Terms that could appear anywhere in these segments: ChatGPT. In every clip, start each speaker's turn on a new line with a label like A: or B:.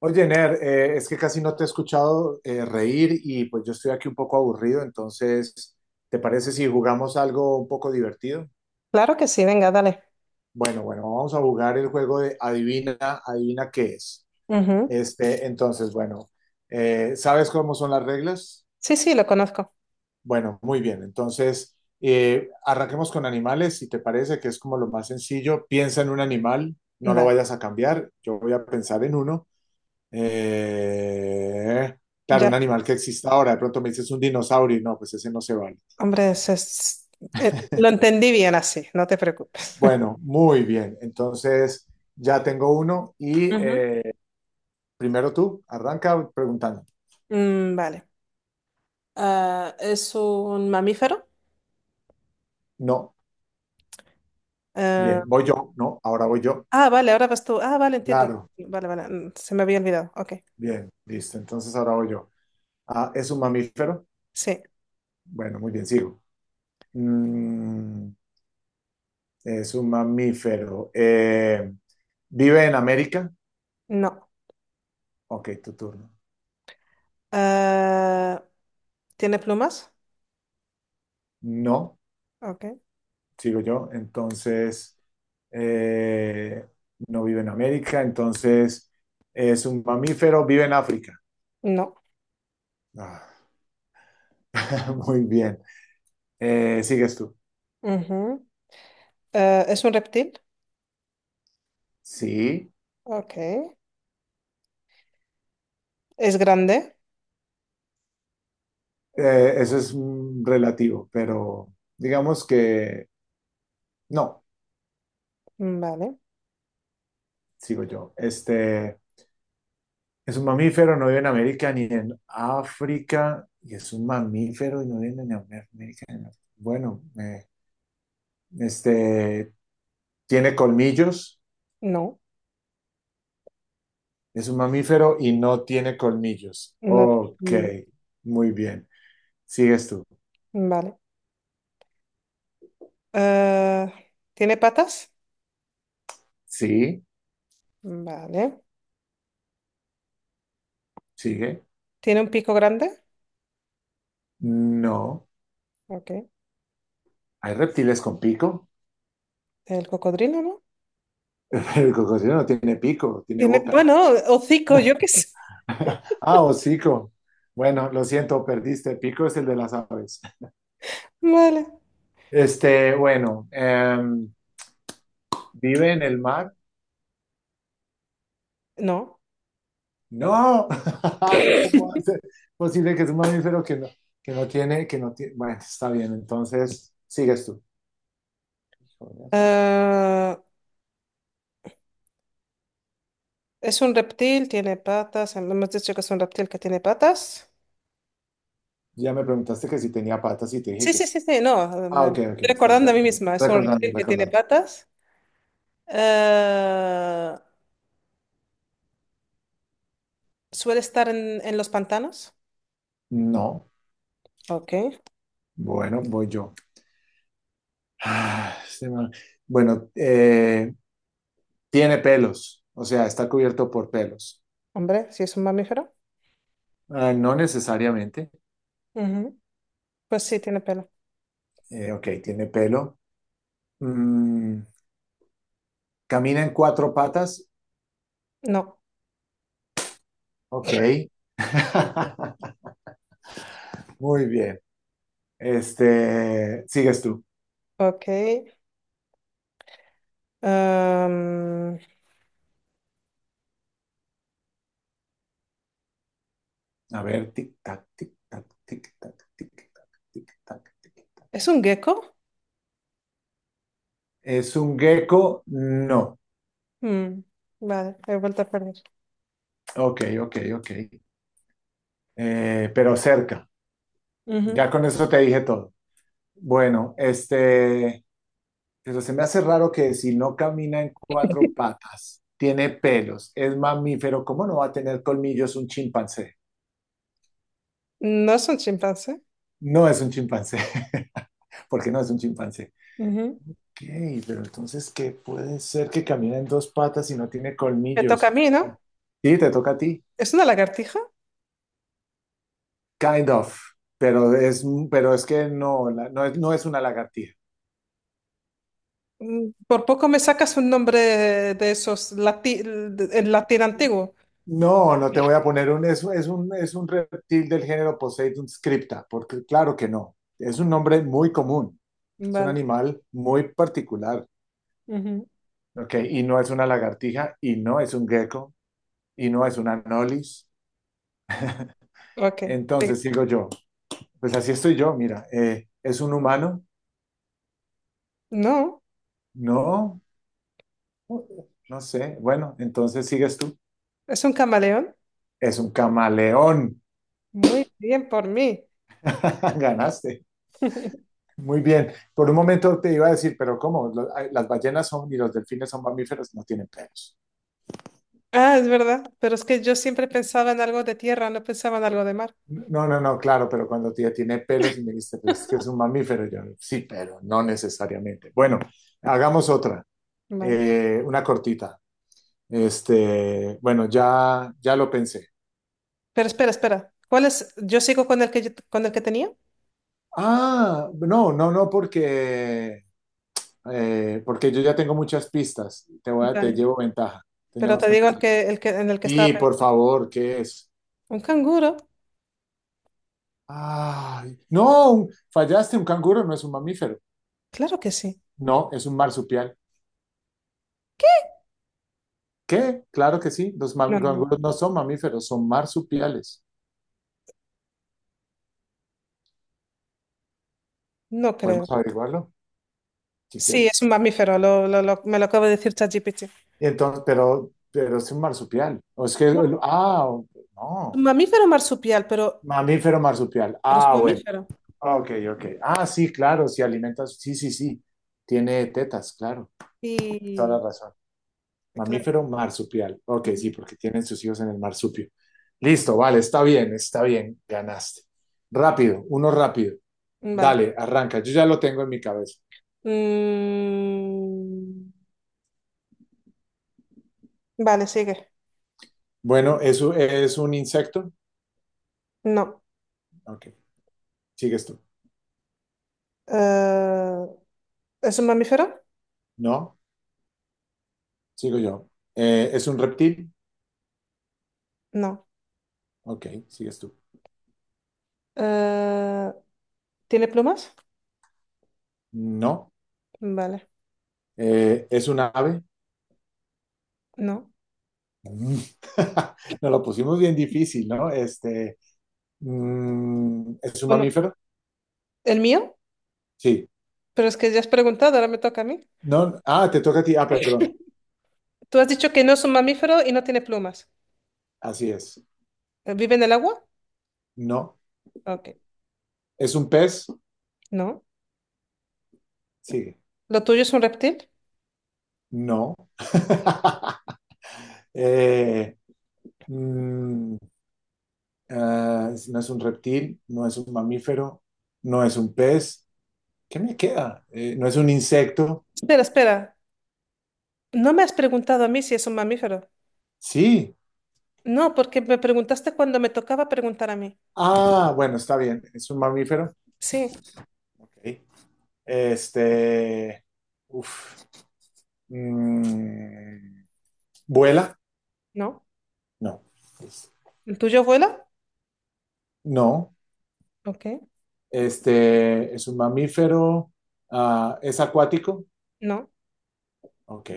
A: Oye, Ner, es que casi no te he escuchado reír y pues yo estoy aquí un poco aburrido, entonces, ¿te parece si jugamos algo un poco divertido?
B: Claro que sí, venga, dale.
A: Bueno, bueno, vamos a jugar el juego de adivina, adivina qué es.
B: Ujú.
A: Este, entonces, bueno, ¿sabes cómo son las reglas?
B: Sí, sí, lo conozco.
A: Bueno, muy bien, entonces, arranquemos con animales, si te parece que es como lo más sencillo, piensa en un animal, no lo
B: Vale,
A: vayas a cambiar, yo voy a pensar en uno. Eh, claro,
B: ya,
A: un animal que exista ahora. De pronto me dices un dinosaurio y no, pues ese no se vale.
B: hombre, lo entendí bien así, no te preocupes.
A: Bueno, muy bien. Entonces ya tengo uno y
B: Ujú.
A: primero tú, arranca preguntando.
B: Mm, vale. Ah, ¿es un mamífero?
A: No,
B: Eh,
A: bien, voy yo. No, ahora voy yo.
B: ah, vale, ahora vas tú. Ah, vale, entiendo.
A: Claro,
B: Vale, vale, se me había olvidado. Ok,
A: bien, listo. Entonces ahora voy yo. Ah, ¿es un mamífero?
B: sí,
A: Bueno, muy bien, sigo. Mm, es un mamífero. ¿Vive en América?
B: no.
A: Ok, tu turno.
B: Eh, ¿Tiene plumas?
A: No.
B: Ok,
A: Sigo yo, entonces eh, no vive en América, entonces es un mamífero, vive en África.
B: no.
A: Ah, muy bien. ¿Sigues tú?
B: Ujú. ¿Es un reptil?
A: Sí.
B: Ok. ¿Es grande?
A: Eso es relativo, pero digamos que no,
B: Vale,
A: sigo yo. Este es un mamífero, no vive en América ni en África, y es un mamífero y no vive en América ni en África. Bueno, este tiene colmillos.
B: no.
A: Es un mamífero y no tiene colmillos.
B: No.
A: Ok, muy bien. ¿Sigues tú?
B: Vale. Ah, ¿tiene patas?
A: Sí,
B: Vale.
A: sigue.
B: ¿Tiene un pico grande?
A: No.
B: Ok.
A: ¿Hay reptiles con pico?
B: El cocodrilo, ¿no?
A: El cocodrilo no tiene pico, tiene
B: Tiene,
A: boca.
B: bueno, hocico, yo qué sé.
A: Ah, hocico. Bueno, lo siento, perdiste. Pico es el de las aves.
B: Vale.
A: Este, bueno, ¿vive en el mar?
B: No.
A: No. ¿Cómo hace posible que es un mamífero que no, que no tiene? Bueno, está bien, entonces sigues tú.
B: Ah, es un reptil, tiene patas. Hemos dicho que es un reptil que tiene patas.
A: Ya me preguntaste que si tenía patas y te dije
B: Sí,
A: que
B: sí,
A: sí.
B: sí, sí, no.
A: Ah,
B: Me
A: ok,
B: estoy
A: ok, está
B: recordando a mí
A: recordando.
B: misma. Es un
A: Recordando,
B: reptil que tiene
A: recordando.
B: patas. Ah, suele estar en los pantanos.
A: No,
B: Ok.
A: bueno, voy yo. Ah, este man. Bueno, tiene pelos, o sea, está cubierto por pelos.
B: Hombre, si es un mamífero.
A: Ah, no necesariamente.
B: Ujú. Pues sí, tiene pelo.
A: Ok, tiene pelo. Mm, camina en cuatro patas.
B: No.
A: Ok. Muy bien. Este, sigues tú.
B: Ok. Am,
A: A ver, tic-tac, tic-tac, tic-tac, tic-tac, tic-tac, tic-tac.
B: ¿Es un gecko?
A: ¿Es un gecko? No.
B: Mm, vale, he vuelto a perder.
A: Ok, ok, ok. Pero cerca.
B: Ujú.
A: Ya con eso te dije todo. Bueno, este, pero se me hace raro que si no camina en cuatro patas, tiene pelos, es mamífero, ¿cómo no va a tener colmillos un chimpancé?
B: No es un chimpancé.
A: No es un chimpancé, porque no es un chimpancé.
B: Ujú.
A: Ok, pero entonces, ¿qué puede ser que camine en dos patas y no tiene
B: Me toca a
A: colmillos?
B: mí,
A: Bueno,
B: ¿no?
A: sí, te toca a ti.
B: ¿Es una lagartija?
A: Kind of, pero es, pero es que no, la- no es, no es una lagartija.
B: Por poco me sacas un nombre de esos en latín antiguo.
A: No, no te voy a poner es un reptil del género Poseidon scripta, porque claro que no. Es un nombre muy común, es un
B: Vale.
A: animal muy particular,
B: Ujú.
A: ¿ok? Y no es una lagartija, y no es un gecko, y no es una anolis.
B: Ok. Eh,
A: Entonces sigo yo, pues así estoy yo, mira, ¿es un humano?
B: No,
A: No, no sé. Bueno, entonces sigues tú.
B: es un camaleón.
A: Es un camaleón.
B: Muy bien por mí.
A: Ganaste. Muy bien. Por un momento te iba a decir, pero ¿cómo? Ay, las ballenas son y los delfines son mamíferos, no tienen pelos.
B: Ah, es verdad, pero es que yo siempre pensaba en algo de tierra, no pensaba en algo de mar.
A: No, no, no, claro, pero cuando tía tiene pelos y me dijiste, pues es que es un mamífero, yo, sí, pero no necesariamente. Bueno, hagamos otra,
B: Vale.
A: una cortita. Este, bueno, ya, ya lo pensé.
B: Pero espera, espera. ¿Cuál es? ¿Yo sigo con el que con el que tenía?
A: Ah, no, no, no, porque, porque yo ya tengo muchas pistas. Te
B: Vale,
A: llevo ventaja.
B: pero
A: Teníamos
B: te
A: que
B: digo
A: empezar.
B: en el que estaba
A: Sí, por
B: pensando.
A: favor, ¿qué es?
B: ¿Un canguro?
A: Ay, no, un- fallaste, un canguro no es un mamífero.
B: Claro que sí.
A: No, es un marsupial. ¿Qué? Claro que sí,
B: No, no,
A: canguros no son mamíferos, son marsupiales.
B: no creo.
A: Podemos averiguarlo si
B: Sí, es
A: quieres.
B: un mamífero, me lo acaba de decir ChatGPT.
A: Y entonces, pero es un marsupial. O es que,
B: No,
A: ah, ok,
B: un
A: no,
B: mamífero marsupial, pero,
A: mamífero marsupial.
B: pero es un
A: Ah, bueno,
B: mamífero.
A: ok, ok. Ah, sí, claro, si alimentas, sí, sí, sí. Tiene tetas, claro, toda
B: Y,
A: la razón.
B: claro.
A: Mamífero marsupial. Ok,
B: Ujú.
A: sí, porque tienen sus hijos en el marsupio. Listo, vale, está bien, ganaste. Rápido, uno rápido.
B: Vale.
A: Dale, arranca. Yo ya lo tengo en mi cabeza.
B: Mm, vale, sigue.
A: Bueno, ¿eso es un insecto?
B: No.
A: Ok, sigues tú.
B: Eh, ¿Es un mamífero?
A: No, sigo yo. ¿Es un reptil?
B: No.
A: Ok, sigues tú.
B: Eh, ¿Tiene plumas?
A: No.
B: Vale,
A: ¿Es un ave?
B: no.
A: Mm. Nos lo pusimos bien difícil, ¿no? Este, ¿es un
B: Bueno,
A: mamífero?
B: ¿el mío?
A: Sí.
B: Pero es que ya has preguntado, ahora me toca a mí.
A: No, ah, te toca a ti. Ah, perdón.
B: Tú has dicho que no es un mamífero y no tiene plumas.
A: Así es.
B: ¿Vive en el agua?
A: No.
B: Ok,
A: ¿Es un pez?
B: no.
A: Sigue.
B: ¿Lo tuyo es un reptil?
A: No. Eh, mm, ah, no es un reptil, no es un mamífero, no es un pez. ¿Qué me queda? ¿No es un insecto?
B: Espera, espera. No me has preguntado a mí si es un mamífero.
A: Sí.
B: No, porque me preguntaste cuando me tocaba preguntar a mí.
A: Ah, bueno, está bien. Es un mamífero.
B: Sí,
A: Ok. Este. Uf. Mm, ¿vuela?
B: no.
A: No.
B: ¿El tuyo vuela?
A: No.
B: Ok,
A: Este. Es un mamífero. Ah, ¿es acuático?
B: no.
A: Ok.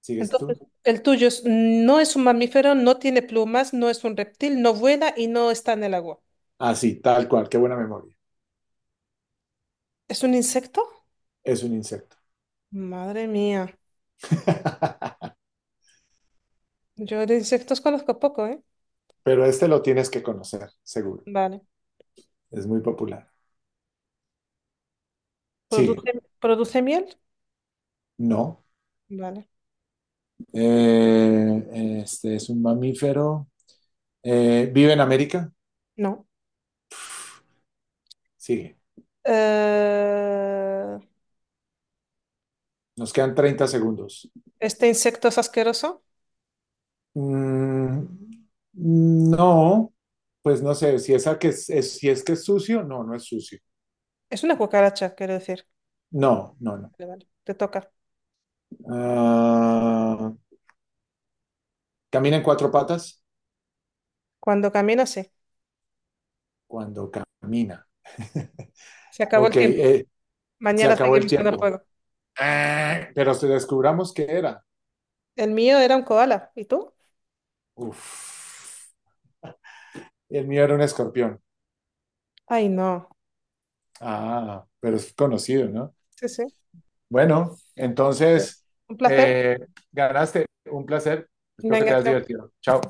A: ¿Sigues
B: Entonces,
A: tú?
B: el tuyo no es un mamífero, no tiene plumas, no es un reptil, no vuela y no está en el agua.
A: Ah, sí, tal cual, qué buena memoria.
B: ¿Es un insecto?
A: Es un insecto.
B: Madre mía. Yo de insectos conozco poco, ¿eh?
A: Pero este lo tienes que conocer, seguro.
B: Vale.
A: Es muy popular. Sigue.
B: ¿Produce miel?
A: No.
B: Vale.
A: Este es un mamífero. ¿Vive en América?
B: No.
A: Sigue.
B: Eh,
A: Nos quedan 30 segundos.
B: este insecto es asqueroso.
A: Mm, no, pues no sé, si, es a que es- si es que es sucio, no, no es sucio.
B: Es una cucaracha, quiero decir.
A: No, no, no.
B: Vale, vale, te toca.
A: Ah, ¿camina en cuatro patas?
B: Cuando camino, sí.
A: Cuando camina.
B: Se acabó el
A: Ok,
B: tiempo.
A: se
B: Mañana
A: acabó el
B: seguimos con el
A: tiempo.
B: juego.
A: Ah, pero si descubramos qué era.
B: El mío era un koala. ¿Y tú?
A: Uf. El mío era un escorpión.
B: Ay, no.
A: Ah, pero es conocido, ¿no?
B: Sí, sí.
A: Bueno, entonces,
B: Un placer.
A: eh, ganaste. Un placer. Espero que
B: Venga,
A: te hayas
B: chao.
A: divertido. Chao.